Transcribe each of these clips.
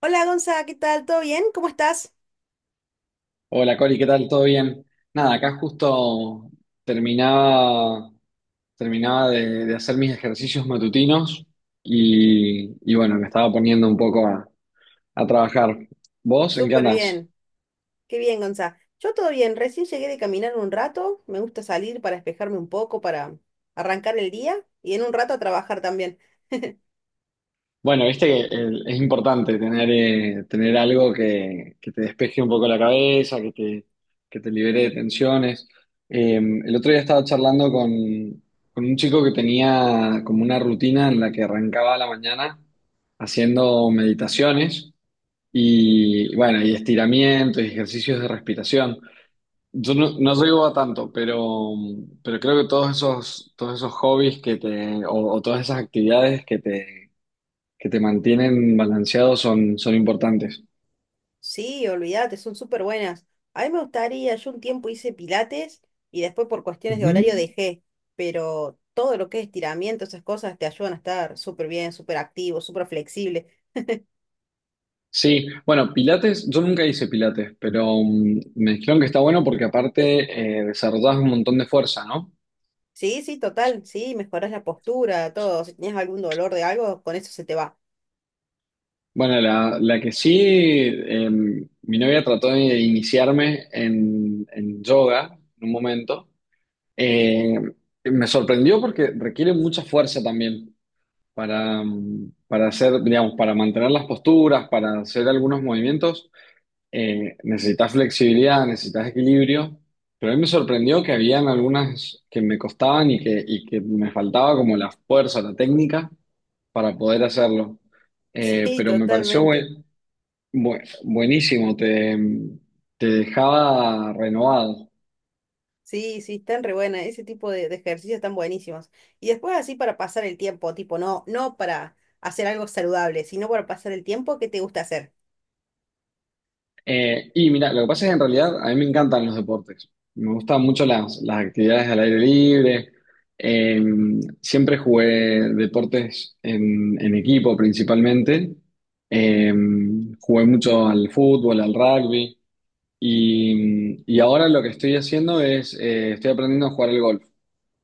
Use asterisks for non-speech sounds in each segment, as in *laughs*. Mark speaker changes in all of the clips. Speaker 1: Hola Gonza, ¿qué tal? ¿Todo bien? ¿Cómo estás?
Speaker 2: Hola Cori, ¿qué tal? ¿Todo bien? Nada, acá justo terminaba, terminaba de hacer mis ejercicios matutinos y bueno, me estaba poniendo un poco a trabajar. ¿Vos en qué
Speaker 1: Súper
Speaker 2: andás?
Speaker 1: bien. Qué bien, Gonza. Yo todo bien. Recién llegué de caminar un rato. Me gusta salir para despejarme un poco, para arrancar el día y en un rato a trabajar también.
Speaker 2: Bueno, viste que es importante tener algo que te despeje un poco la cabeza, que te libere de tensiones. El otro día estaba charlando con un chico que tenía como una rutina en la que arrancaba a la mañana haciendo meditaciones y, bueno, y estiramientos y ejercicios de respiración. Yo no llego a tanto, pero creo que todos esos hobbies o todas esas actividades que te mantienen balanceado son importantes.
Speaker 1: Sí, olvídate, son súper buenas. A mí me gustaría, yo un tiempo hice pilates y después por cuestiones de horario
Speaker 2: Ujú.
Speaker 1: dejé, pero todo lo que es estiramiento, esas cosas te ayudan a estar súper bien, súper activo, súper flexible.
Speaker 2: Sí, bueno, Pilates, yo nunca hice Pilates, pero me dijeron que está bueno porque aparte desarrollas un montón de fuerza, ¿no?
Speaker 1: Sí, sí, total. Sí, mejoras la postura, todo. Si tenías algún dolor de algo, con eso se te va.
Speaker 2: Bueno, la que sí, mi novia trató de iniciarme en yoga en un momento. Eh, Me sorprendió porque requiere mucha fuerza también para hacer, digamos, para mantener las posturas, para hacer algunos movimientos. Necesitas flexibilidad, necesitas equilibrio, pero a mí me sorprendió que habían algunas que me costaban y que me faltaba como la fuerza, la técnica para poder hacerlo.
Speaker 1: Sí,
Speaker 2: Pero me pareció
Speaker 1: totalmente.
Speaker 2: buenísimo, te dejaba renovado.
Speaker 1: Sí, sí, están re buenas. Ese tipo de ejercicios están buenísimos. Y después así para pasar el tiempo, tipo, no, no para hacer algo saludable, sino para pasar el tiempo, ¿qué te gusta hacer?
Speaker 2: Y mira, lo que pasa es que en realidad a mí me encantan los deportes. Me gustan mucho las actividades al aire libre. Eh, Siempre jugué deportes en equipo principalmente. Eh, Jugué mucho al fútbol, al rugby. Y ahora lo que estoy haciendo estoy aprendiendo a jugar al golf.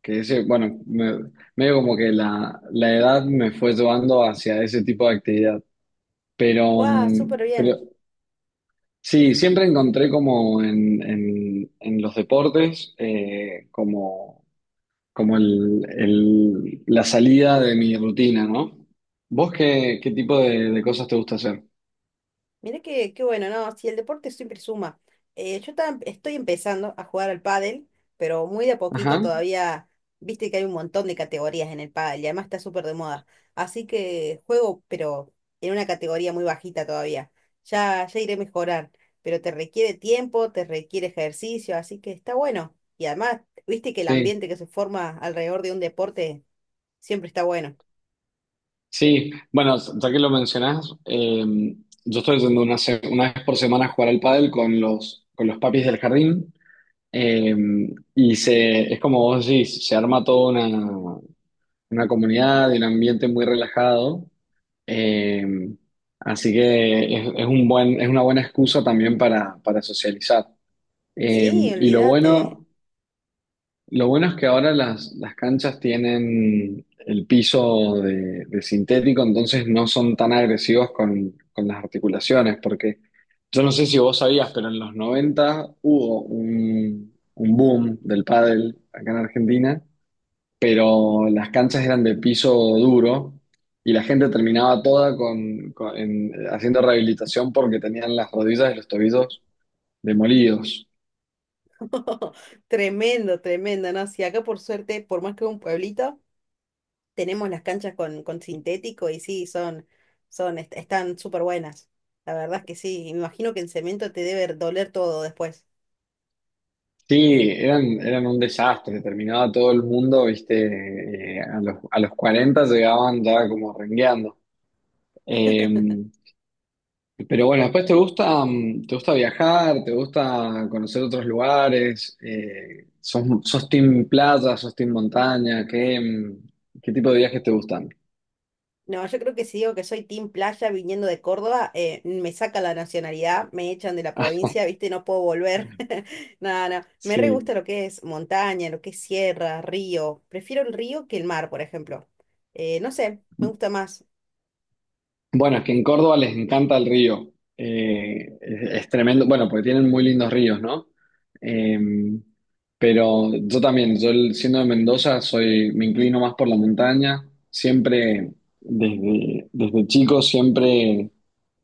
Speaker 2: Que ese, bueno, medio como que la edad me fue llevando hacia ese tipo de actividad. Pero,
Speaker 1: ¡Wow! Súper
Speaker 2: mm, pero
Speaker 1: bien.
Speaker 2: Sí, siempre encontré como en los deportes, como la salida de mi rutina, ¿no? ¿Vos qué tipo de cosas te gusta hacer?
Speaker 1: Mira que, qué bueno, ¿no? Si el deporte siempre suma. Estoy empezando a jugar al pádel, pero muy de a poquito
Speaker 2: Ajá,
Speaker 1: todavía, viste que hay un montón de categorías en el pádel y además está súper de moda. Así que juego, pero en una categoría muy bajita todavía. Ya, ya iré a mejorar, pero te requiere tiempo, te requiere ejercicio, así que está bueno. Y además, viste que el
Speaker 2: sí,
Speaker 1: ambiente que se forma alrededor de un deporte siempre está bueno.
Speaker 2: sí. Bueno, ya que lo mencionás, yo estoy yendo una vez por semana a jugar al pádel con los, papis del jardín. eh, y es como vos decís, se arma toda una comunidad y un ambiente muy relajado. Eh, Así que es es una buena excusa también para socializar.
Speaker 1: Sí,
Speaker 2: Y lo
Speaker 1: olvídate.
Speaker 2: bueno, lo bueno es que ahora las canchas tienen el piso de sintético, entonces no son tan agresivos con las articulaciones, porque yo no sé si vos sabías, pero en los 90 hubo un boom del pádel acá en Argentina, pero las canchas eran de piso duro y la gente terminaba toda con haciendo rehabilitación porque tenían las rodillas y los tobillos demolidos.
Speaker 1: *laughs* Tremendo, tremendo, ¿no? Sí, acá por suerte, por más que un pueblito, tenemos las canchas con sintético y sí, están súper buenas. La verdad es que sí, me imagino que en cemento te debe doler todo después.
Speaker 2: Sí, eran un desastre, terminaba todo el mundo, viste, a los 40 llegaban ya como rengueando. Eh, pero bueno, después te gusta viajar, te gusta conocer otros lugares, sos team playa, sos team montaña, ¿qué tipo de viajes te gustan?
Speaker 1: No, yo creo que si digo que soy team playa viniendo de Córdoba, me saca la nacionalidad, me echan de la
Speaker 2: Ah,
Speaker 1: provincia, ¿viste? No puedo volver. *laughs* No, no, me re
Speaker 2: sí.
Speaker 1: gusta lo que es montaña, lo que es sierra, río. Prefiero el río que el mar, por ejemplo. No sé, me gusta más.
Speaker 2: Bueno, es que en Córdoba les encanta el río. Es tremendo. Bueno, porque tienen muy lindos ríos, ¿no? Eh, pero yo también, yo siendo de Mendoza, me inclino más por la montaña. Siempre, desde chico, siempre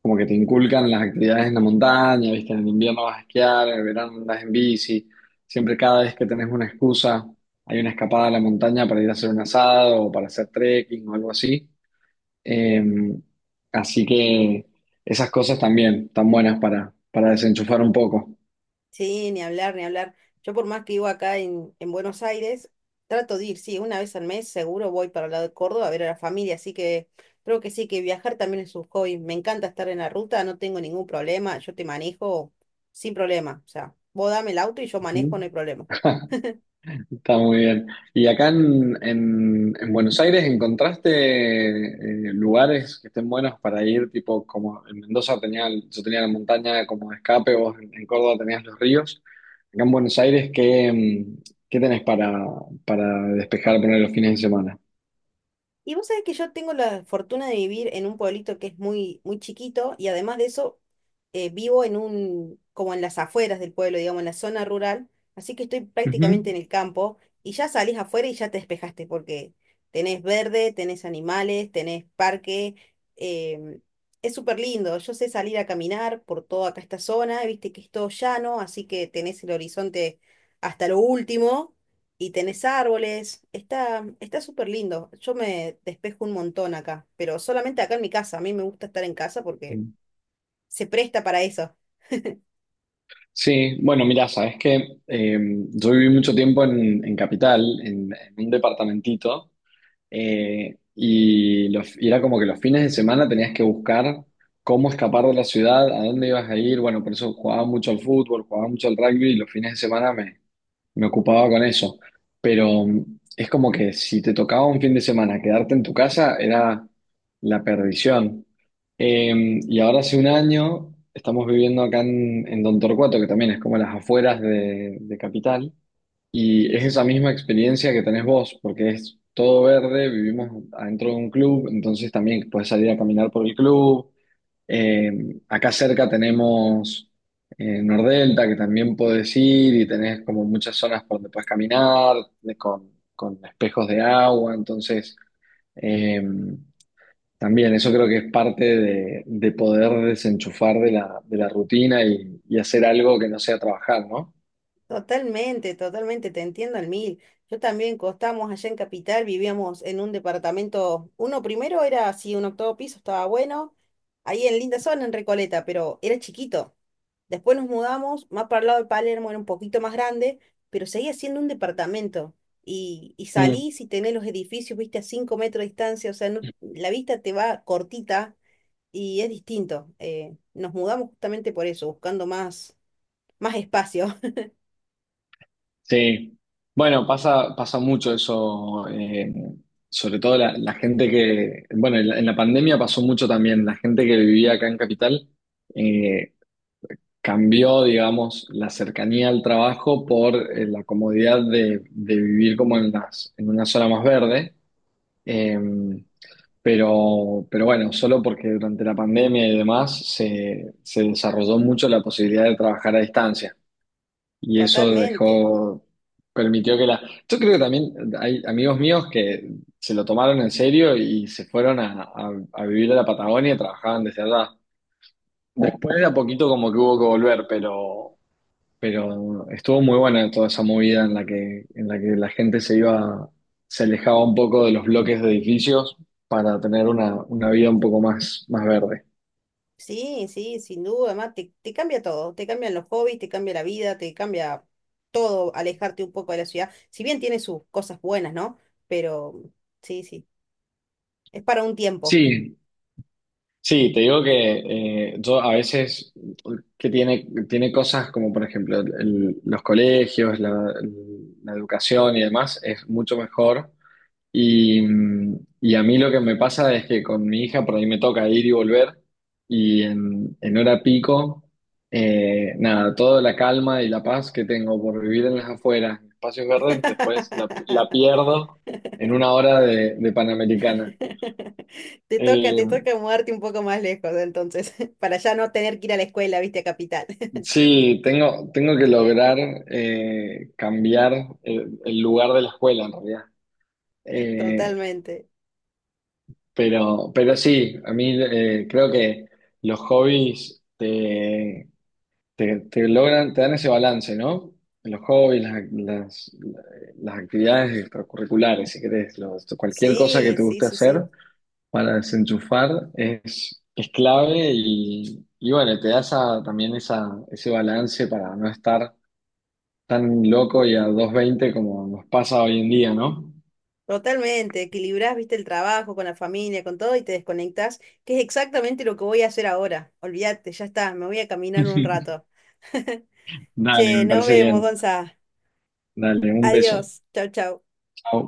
Speaker 2: como que te inculcan las actividades en la montaña, ¿viste? En invierno vas a esquiar, en verano andas en bici. Siempre cada vez que tenés una excusa, hay una escapada a la montaña para ir a hacer un asado o para hacer trekking o algo así. Eh, Así que esas cosas también están buenas para desenchufar un poco.
Speaker 1: Sí, ni hablar, ni hablar. Yo por más que vivo acá en Buenos Aires, trato de ir, sí, una vez al mes seguro voy para el lado de Córdoba a ver a la familia, así que creo que sí, que viajar también es un hobby. Me encanta estar en la ruta, no tengo ningún problema, yo te manejo sin problema. O sea, vos dame el auto y yo
Speaker 2: Ujú.
Speaker 1: manejo, no hay problema.
Speaker 2: Está muy bien. ¿Y acá en Buenos Aires encontraste lugares que estén buenos para ir? Tipo, como en Mendoza yo tenía la montaña como de escape, vos en Córdoba tenías los ríos. Acá en Buenos Aires, ¿qué tenés para despejar, poner los fines de semana?
Speaker 1: Y vos sabés que yo tengo la fortuna de vivir en un pueblito que es muy, muy chiquito y además de eso vivo como en las afueras del pueblo, digamos, en la zona rural, así que estoy prácticamente en el campo y ya salís afuera y ya te despejaste porque tenés verde, tenés animales, tenés parque. em, es súper lindo. Yo sé salir a caminar por toda acá esta zona, viste que es todo llano, así que tenés el horizonte hasta lo último y tenés árboles, está, está súper lindo. Yo me despejo un montón acá, pero solamente acá en mi casa. A mí me gusta estar en casa porque
Speaker 2: Ujú.
Speaker 1: se presta para eso.
Speaker 2: Sí, bueno, mira, sabes que yo viví mucho tiempo en, Capital, en un departamentito, y era como que los fines de semana tenías que buscar cómo escapar de la ciudad, a dónde ibas a ir. Bueno, por eso jugaba mucho al fútbol, jugaba mucho al rugby, y los fines de semana me ocupaba con eso. Pero es como que si te tocaba un fin de semana quedarte en tu casa era la perdición. Y ahora hace un año estamos viviendo acá en Don Torcuato, que también es como las afueras de Capital. Y es esa misma experiencia que tenés vos, porque es todo verde, vivimos adentro de un club, entonces también puedes salir a caminar por el club. Eh, Acá cerca tenemos Nordelta, que también podés ir y tenés como muchas zonas por donde puedes caminar, con espejos de agua, entonces eh, también eso creo que es parte de poder desenchufar de la rutina y hacer algo que no sea trabajar, ¿no?
Speaker 1: Totalmente, totalmente, te entiendo al mil. Yo también costamos allá en Capital, vivíamos en un departamento, uno primero era así, un octavo piso, estaba bueno, ahí en linda zona, en Recoleta, pero era chiquito. Después nos mudamos, más para el lado de Palermo, era un poquito más grande, pero seguía siendo un departamento. Y
Speaker 2: Mm.
Speaker 1: salís y tenés los edificios, viste, a 5 metros de distancia, o sea, la vista te va cortita y es distinto. Nos mudamos justamente por eso, buscando más, más espacio.
Speaker 2: Sí, bueno, pasa mucho eso, sobre todo la, gente que, bueno, en la pandemia pasó mucho también, la gente que vivía acá en Capital eh, cambió, digamos, la cercanía al trabajo por la comodidad de vivir como en una zona más verde, eh, pero bueno, solo porque durante la pandemia y demás se desarrolló mucho la posibilidad de trabajar a distancia.
Speaker 1: *laughs*
Speaker 2: Y eso
Speaker 1: Totalmente.
Speaker 2: permitió que la... Yo creo que también hay amigos míos que se lo tomaron en serio y se fueron a vivir a la Patagonia y trabajaban desde allá. Después de a poquito como que hubo que volver, pero estuvo muy buena toda esa movida en la que la gente se iba, se alejaba un poco de los bloques de edificios para tener una vida un poco más verde.
Speaker 1: Sí, sí, sin duda, además te cambia todo, te cambian los hobbies, te cambia la vida, te cambia todo, alejarte un poco de la ciudad, si bien tiene sus cosas buenas, ¿no? Pero sí, sí, es para un tiempo.
Speaker 2: Sí. Sí, te digo que yo a veces que tiene cosas como por ejemplo los colegios, la, educación y demás es mucho mejor y a mí lo que me pasa es que con mi hija por ahí me toca ir y volver y en, hora pico, nada, toda la calma y la paz que tengo por vivir en las afueras, en espacios verdes, después la,
Speaker 1: *laughs*
Speaker 2: pierdo en una hora de Panamericana. Eh,
Speaker 1: Te toca mudarte un poco más lejos, entonces, *laughs* para ya no tener que ir a la escuela, viste, a capital. *laughs*
Speaker 2: Sí, tengo que lograr cambiar el lugar de la escuela en realidad. Eh,
Speaker 1: Totalmente.
Speaker 2: pero, sí, a mí creo que los hobbies te logran, te dan ese balance, ¿no? Los hobbies, las actividades extracurriculares, si querés, cualquier cosa que
Speaker 1: Sí,
Speaker 2: te
Speaker 1: sí,
Speaker 2: guste
Speaker 1: sí, sí.
Speaker 2: hacer para desenchufar es clave y bueno, te da ese balance para no estar tan loco y a 220 como nos pasa hoy en día, ¿no?
Speaker 1: Totalmente, equilibrás, viste, el trabajo con la familia, con todo y te desconectás, que es exactamente lo que voy a hacer ahora. Olvídate, ya está, me voy a caminar un rato. *laughs*
Speaker 2: Dale,
Speaker 1: Che,
Speaker 2: me
Speaker 1: nos
Speaker 2: parece
Speaker 1: vemos,
Speaker 2: bien.
Speaker 1: Gonza.
Speaker 2: Dale, un beso.
Speaker 1: Adiós, chau, chau.
Speaker 2: Chao.